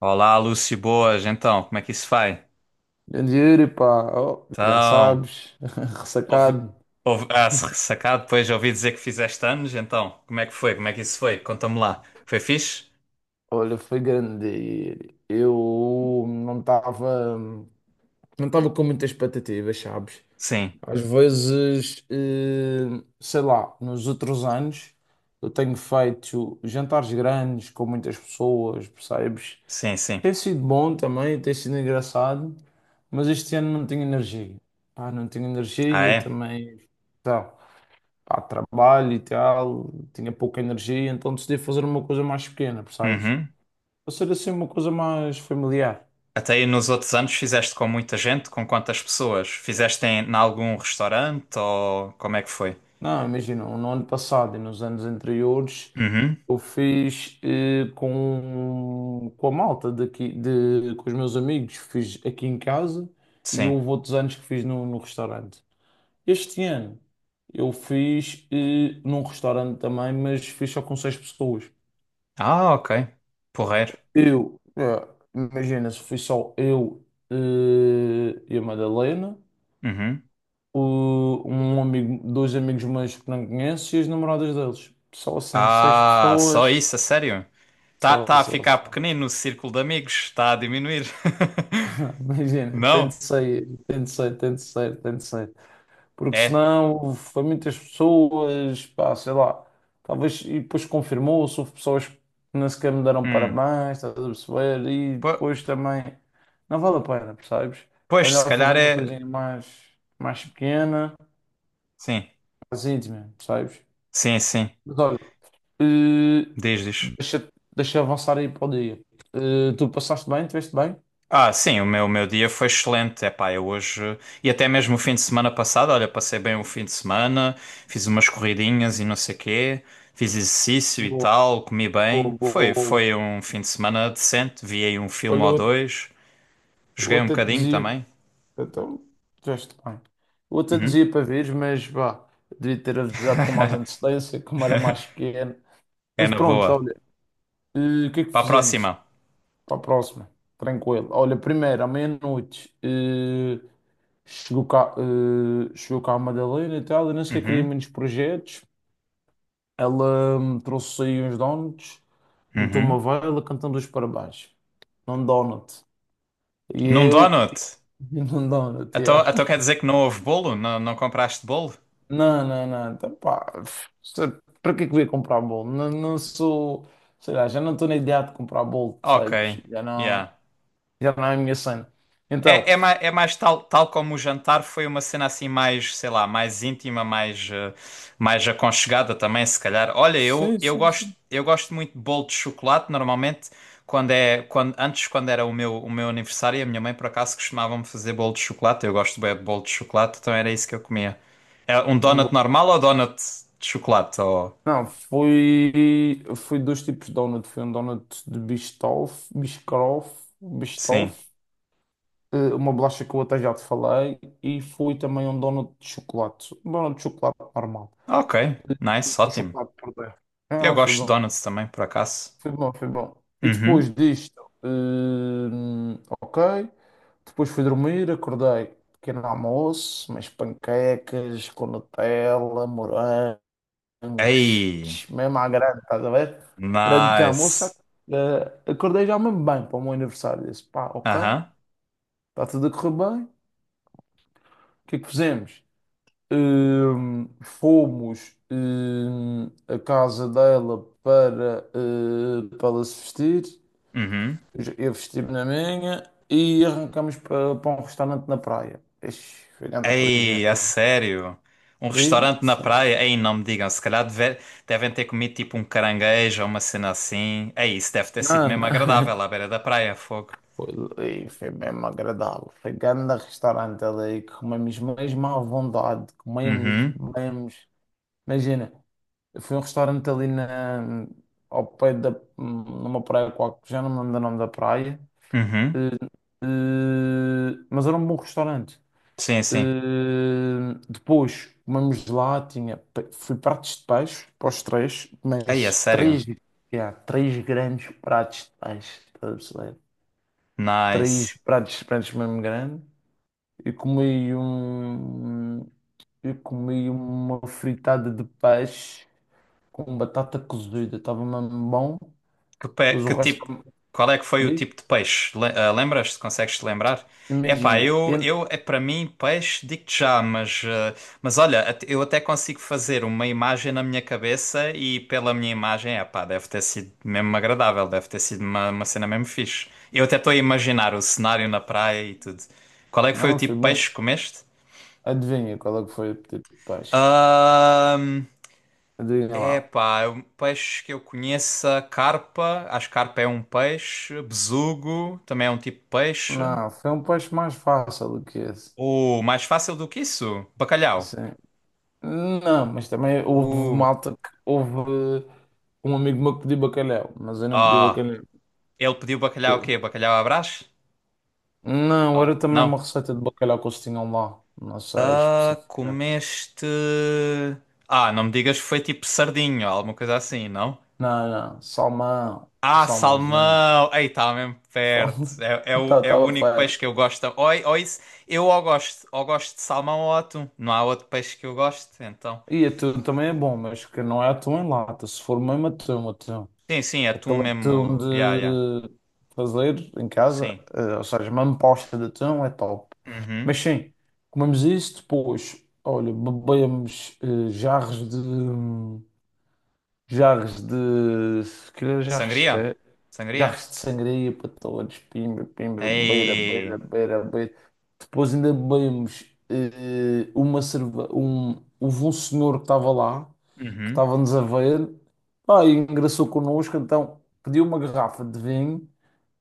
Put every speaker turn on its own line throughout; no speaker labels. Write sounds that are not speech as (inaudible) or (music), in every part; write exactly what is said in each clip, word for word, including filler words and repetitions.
Olá, Lúcio, boas. Então, como é que isso vai?
Grande Yuri, pá, oh, já
Então,
sabes, (laughs)
ouvi,
ressacado.
ouvi, ah, se ressacado, depois ouvi dizer que fizeste anos, então, como é que foi? Como é que isso foi? Conta-me lá. Foi fixe?
Olha, foi grande dia. Eu não estava não estava com muitas expectativas, sabes?
Sim,
Às vezes, eh, sei lá, nos outros anos eu tenho feito jantares grandes com muitas pessoas, percebes?
sim, sim.
Tem sido bom também, tem sido engraçado, mas este ano não tenho energia. Pá, não tenho
Ah,
energia
é?
também. Tá. Pá, trabalho e tal, tinha pouca energia, então decidi fazer uma coisa mais pequena, percebes?
Uhum.
Para ser assim uma coisa mais familiar.
Até aí nos outros anos fizeste com muita gente? Com quantas pessoas? Fizeste em, em algum restaurante ou como é que foi?
Não, imagina, no ano passado e nos anos anteriores
Uhum,
eu fiz eh, com, com a malta daqui, de, com os meus amigos, fiz aqui em casa e
sim.
houve outros anos que fiz no, no restaurante. Este ano eu fiz eh, num restaurante também, mas fiz só com seis pessoas.
Ah, ok. Porreiro.
Eu, é, imagina, se fui só eu, eh, e a Madalena,
Uhum.
o- um amigo, dois amigos meus que não conheço e as namoradas deles. Só assim, seis
Ah, só
pessoas.
isso, a sério? Tá,
Só,
tá a
só,
ficar
só.
pequenino no círculo de amigos, está a diminuir.
(laughs)
(laughs)
Imagina, tanto
Não?
sei, tanto sei, tanto sei, tanto sei. Porque
É.
senão foi muitas pessoas, pá, sei lá, talvez, e depois confirmou-se, houve pessoas que nem sequer me deram
Hum.
parabéns, estás a perceber? E
Po-
depois também, não vale a pena, percebes? É
Pois, se
melhor fazer
calhar
uma
é.
coisinha mais, mais pequena,
Sim,
mais íntima, percebes?
sim, sim.
Mas olha, eh,
Diz, diz.
deixa, deixa avançar aí para o dia. Eh, tu passaste bem, estiveste bem?
Ah, sim, o meu, o meu dia foi excelente. É pá, eu hoje. E até mesmo o fim de semana passado, olha, passei bem o fim de semana, fiz umas corridinhas e não sei quê, fiz exercício e
Boa,
tal, comi bem.
boa, boa,
Foi,
boa, boa.
foi um fim de semana decente. Vi aí um filme
Olha,
ou
eu,
dois,
eu
joguei um
até te
bocadinho
dizia.
também.
Então, já está bem. O outro
Uhum.
dia para ver, mas vá, devia ter avisado com mais
(laughs)
antecedência, como era mais pequeno.
É
Mas
na boa.
pronto, olha, eh, o que é que
Para a
fizemos
próxima.
para a próxima? Tranquilo. Olha, primeiro, à meia-noite, eh, chegou cá, eh, chegou cá a Madalena e tal, eu nem sequer queria
Uhum,
muitos projetos. Ela me trouxe aí uns donuts, meteu uma
uhum.
vela, cantando os parabéns. Num donut. E
Num
eu,
donut.
(laughs) num donut,
Então, então
yeah.
quer dizer que não houve bolo? Não, não compraste bolo?
Não, não, não. Então, pá, se- para que é que eu ia comprar bolo? Não, não sou, sei lá, já não estou na ideia de comprar bolo, percebes?
Ok.
Já não,
Yeah.
já não é a minha cena.
É,
Então,
é mais, é mais tal, tal como o jantar foi uma cena assim mais, sei lá, mais íntima, mais, eh, mais aconchegada também, se calhar. Olha, eu,
sim,
eu
sim,
gosto,
sim,
eu gosto muito de bolo de chocolate, normalmente, quando é, quando, antes, quando era o meu, o meu aniversário, a minha mãe, por acaso, costumava-me fazer bolo de chocolate. Eu gosto bem de bolo de chocolate, então era isso que eu comia. É um donut
bolo.
normal ou donut de chocolate? Ou?
Não, foi, foi dois tipos de donut. Foi um donut de Biscoff, Biscoff,
Sim.
Biscoff, eh, uma bolacha que eu até já te falei, e foi também um donut de chocolate. Um donut de chocolate normal,
Ok, nice,
com
ótimo.
chocolate por dentro.
Eu
Ah, foi
gosto de
bom.
donuts também, por acaso.
Foi bom, foi bom. E
Uhum.
depois disto, hum, ok. Depois fui dormir, acordei, pequeno almoço, mas panquecas com Nutella, morangos, tch,
Ei.
mesmo à grande, estás a ver? Grande pequeno almoço, sabe?
Nice.
Eh, acordei já mesmo bem para o meu aniversário. Disse, pá, ok,
Aham.
está tudo a correr bem. O que é que fizemos? Hum, fomos, hum, à casa dela para, eh, para ela se vestir.
Uhum.
Eu vesti-me na minha e arrancamos para, para um restaurante na praia. Ixi, foi grande
Ei, a
projeto, é.
sério? Um
Diz?
restaurante na
Sim.
praia? Ei, não me digam. Se calhar deve- devem ter comido tipo um caranguejo ou uma cena assim. Ei, isso deve ter sido
Não, não.
mesmo agradável
(laughs)
à beira da praia, fogo.
Foi, ali, foi mesmo agradável. Foi grande restaurante ali. Comemos mesmo à vontade. Comemos,
Uhum.
comemos. Imagina, foi um restaurante ali na, ao pé da, numa praia qualquer, já não me lembro do nome da praia.
Uhum.
Eh, eh, mas era um bom restaurante.
Sim, sim.
Uh, depois comemos lá, tinha, pe- fui pratos de peixe para os três,
Ei, a
mas
sério?
três, já, três grandes pratos de peixe, estás a perceber?
Nice.
Três pratos de peixe mesmo grande. E comi um, eu comi uma fritada de peixe com batata cozida, estava mesmo bom.
Que, pe-
Depois o
que
resto
tipo, qual é que foi o
diz,
tipo de peixe? Le- ah, Lembras-te? Consegues-te lembrar? É pá,
imagina,
eu,
eu-
eu é para mim peixe, digo-te já, mas, ah, mas olha, at- eu até consigo fazer uma imagem na minha cabeça e pela minha imagem, é pá, deve ter sido mesmo agradável, deve ter sido uma, uma cena mesmo fixe. Eu até estou a imaginar o cenário na praia e tudo. Qual é que foi o
não
tipo
foi
de peixe
bom.
que comeste?
Adivinha qual é que foi o pedido de peixe? Adivinha
É
lá.
pá, é um peixe que eu conheça, carpa, acho que carpa é um peixe, besugo também é um tipo de peixe.
Não, foi um peixe mais fácil do que esse.
O mais fácil do que isso? Bacalhau.
Sim. Não, mas também houve
Uh,
malta que houve um amigo meu que pediu bacalhau, mas eu não pedi
ah,
bacalhau.
ele pediu bacalhau o quê?
Eu-
Bacalhau à Brás?
Não,
Ah,
era também uma
não.
receita de bacalhau que eles tinham lá. Não sei
Ah,
especificar.
comeste? Ah, não me digas que foi tipo sardinho, alguma coisa assim, não?
Não, não, salmão,
Ah,
salmãozinho,
salmão! Ei, está mesmo perto.
salmão.
É, é o, é o
Estava (laughs)
único peixe
perto.
que eu gosto. Ou, ou isso, eu ou gosto, ou gosto de salmão ou atum. Não há outro peixe que eu goste, então.
E atum também é bom, mas que não é atum em lata. Se for mesmo atum, atum.
Sim, sim, atum
Aquele atum
mesmo. Ya, ya.
de fazer em casa,
Sim.
eh, ou seja, uma amposta de atum é top.
Uhum.
Mas sim, comemos isso, depois, olha, bebemos eh, jarros de, hum, jarros de. Se calhar jarros de
Sangria?
quê?
Sangria?
Jarros de sangria para todos. Pimba, pimba, beira, beira,
Ei.
beira, beira. Depois ainda bebemos eh, uma cerve... um... Houve um senhor que estava lá, que
Uhum.
estava-nos a ver, pá, e engraçou connosco, então pediu uma garrafa de vinho,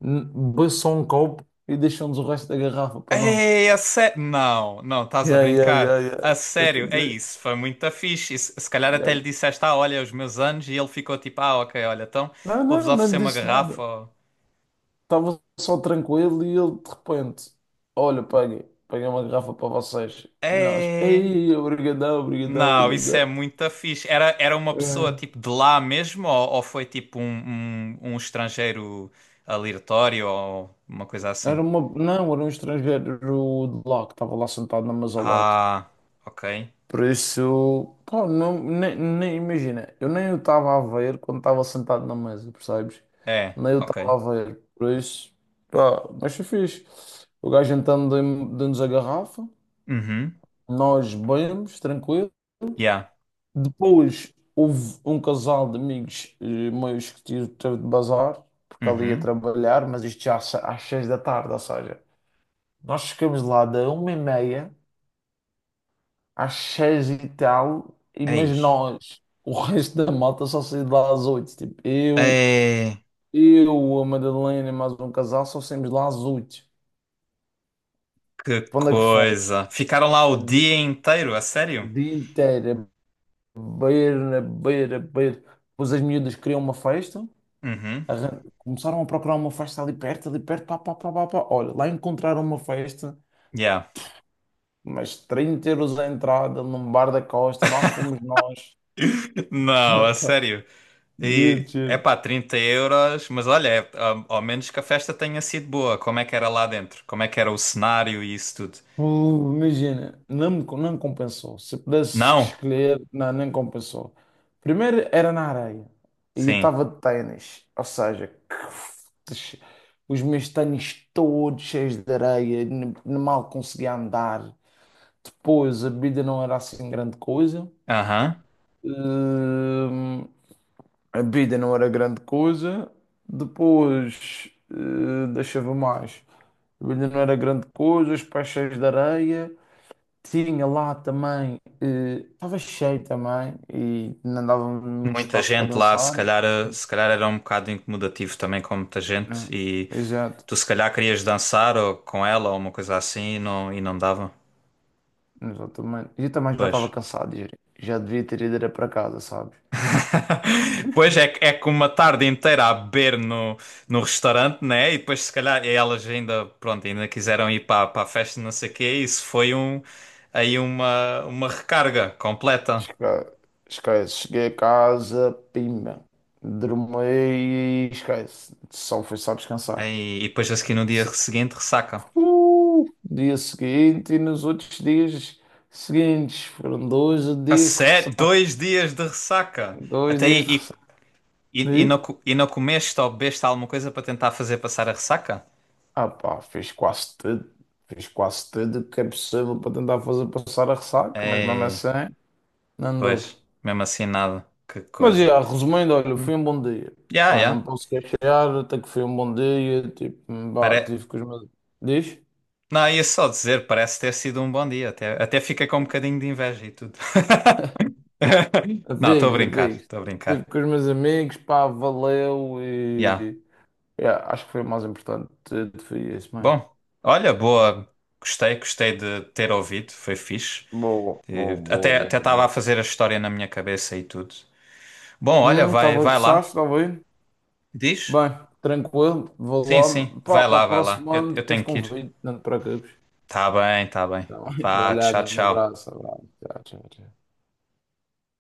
n- bebeu só um copo e deixou-nos o resto da garrafa para nós.
Ei, a sério. Não, não, estás a
Yeah, yeah,
brincar.
yeah,
A
yeah. Estou a
sério, é
dizer.
isso. Foi muito fixe. E Se se calhar até
Yeah.
lhe disseste, ah, olha, é os meus anos, e ele ficou tipo, ah, ok, olha, então
Não,
vou-vos
não, não
oferecer
lhe
uma
disse
garrafa.
nada.
ou-
Estava só tranquilo e ele de repente, olha, paguei, paguei uma garrafa para vocês. E nós,
é.
ei, obrigadão, obrigadão,
Não, isso é
obrigadão.
muito fixe. Era, era uma pessoa
É.
tipo de lá mesmo ou, ou foi tipo um, um, um estrangeiro aleatório ou uma coisa assim?
Era uma, não, era um estrangeiro de lá que estava lá sentado na mesa ao lado.
Ah, ok.
Por isso, pá, não, nem, nem imagina, eu nem o estava a ver quando estava sentado na mesa, percebes?
É,
Nem eu
ok.
estava a ver, por isso, pá, mas foi fixe. O gajo então deu- deu-nos a garrafa,
Uhum.
nós bebemos, tranquilo.
Yeah.
Depois houve um casal de amigos eh, meus que tive, teve de bazar, porque ali ia
Uhum.
trabalhar, mas isto já às se- às seis da tarde, ou seja, nós chegamos lá da uma e meia às seis e tal, e
Ei.
mas nós, o (laughs) resto da malta só saiu de lá às oito. Tipo, eu,
É,
eu, a Madalena e mais um casal só saímos de lá às oito.
que
Para onde é que fomos?
coisa. Ficaram lá o dia inteiro, a
O
sério?
dia inteiro, a beber, a beber, a beber. Depois as miúdas queriam uma festa.
Uhum.
Arran- Começaram a procurar uma festa ali perto, ali perto, pá, pá, pá, pá, pá. Olha, lá encontraram uma festa,
Yeah.
mas trinta euros a entrada num bar da Costa, lá fomos nós. (laughs)
(laughs) Não,
Ah,
a
pá,
sério.
giro,
E é
giro.
pá, trinta euros, mas olha, é- ao ao menos que a festa tenha sido boa. Como é que era lá dentro? Como é que era o cenário e isso tudo?
Uh, Imagina, não, me- não compensou. Se pudesse
Não?
escolher, não, nem compensou. Primeiro era na areia e eu
Sim.
estava de ténis, ou seja, que- os meus ténis todos cheios de areia, n- mal conseguia andar. Depois a bebida não era assim grande coisa.
Aham.
Hum, a bebida não era grande coisa. Depois, eh, deixava mais. A bebida não era grande coisa, os pés cheios de areia. Tinha lá também, eh, estava cheio também e não dava muito
Muita
espaço para
gente lá, se
dançar.
calhar, eh,
Sim.
se calhar era um bocado incomodativo também com muita
Hum,
gente. E
exato,
tu se calhar querias dançar ou com ela ou uma coisa assim e não, e não dava.
exatamente. E eu também já
Pois.
estava cansado, já já devia ter ido era para casa, sabes?
Pois é, que- é com uma tarde inteira a beber no, no restaurante, né? E depois, se calhar, elas ainda, pronto, ainda quiseram ir para, para a festa, não sei o quê. Isso foi um, aí uma, uma recarga completa.
Esca- Esquece, cheguei a casa, pimba, dormi e esquece, só fui só descansar.
Aí, e depois, a seguir, no dia
Se-
seguinte, ressaca.
Uh, dia seguinte e nos outros dias seguintes, foram dois
A
dias de
sério?
ressaca,
Dois dias de ressaca.
dois
Até aí,
dias de
e,
ressaca.
e, e, não,
E,
co- e não comeste ou bebeste alguma coisa para tentar fazer passar a ressaca?
ah pá, fiz quase tudo, fiz quase tudo o que é possível para tentar fazer passar a ressaca, mas mesmo
É,
assim, não deu.
pois, mesmo assim, nada. Que
Mas,
coisa.
já, resumindo, olha,
Hum.
foi um bom dia.
Yeah,
Pá, não me
yeah.
posso queixar, até que foi um bom dia. Tipo, pá, tive com os meus... Diz?
Não, ia só dizer, parece ter sido um bom dia. Até, até fica com um bocadinho de inveja e tudo. (laughs) Não, estou a
Amigos,
brincar,
amigos.
estou a
Tive
brincar.
com os meus amigos, pá, valeu
Yeah.
e... já, acho que foi o mais importante. eh, Foi isso mesmo.
Bom, olha, boa. Gostei, gostei de ter ouvido, foi fixe.
Boa, boa,
E
boa,
Até até
boa,
estava a
boa.
fazer a história na minha cabeça e tudo. Bom, olha,
Hum,
vai,
estava a
vai
gostar,
lá.
estava bem?
Diz?
Bem, tranquilo, vou
Sim, sim,
lá. Pá,
vai
para o
lá, vai lá.
próximo
Eu,
ano,
eu
depois
tenho que ir.
convido, não te preocupes.
Tá bem, tá bem.
Tá bem? Vai
Vá,
lá,
tchau,
grande
tchau.
abraço, abraço. Tchau, tchau, tchau.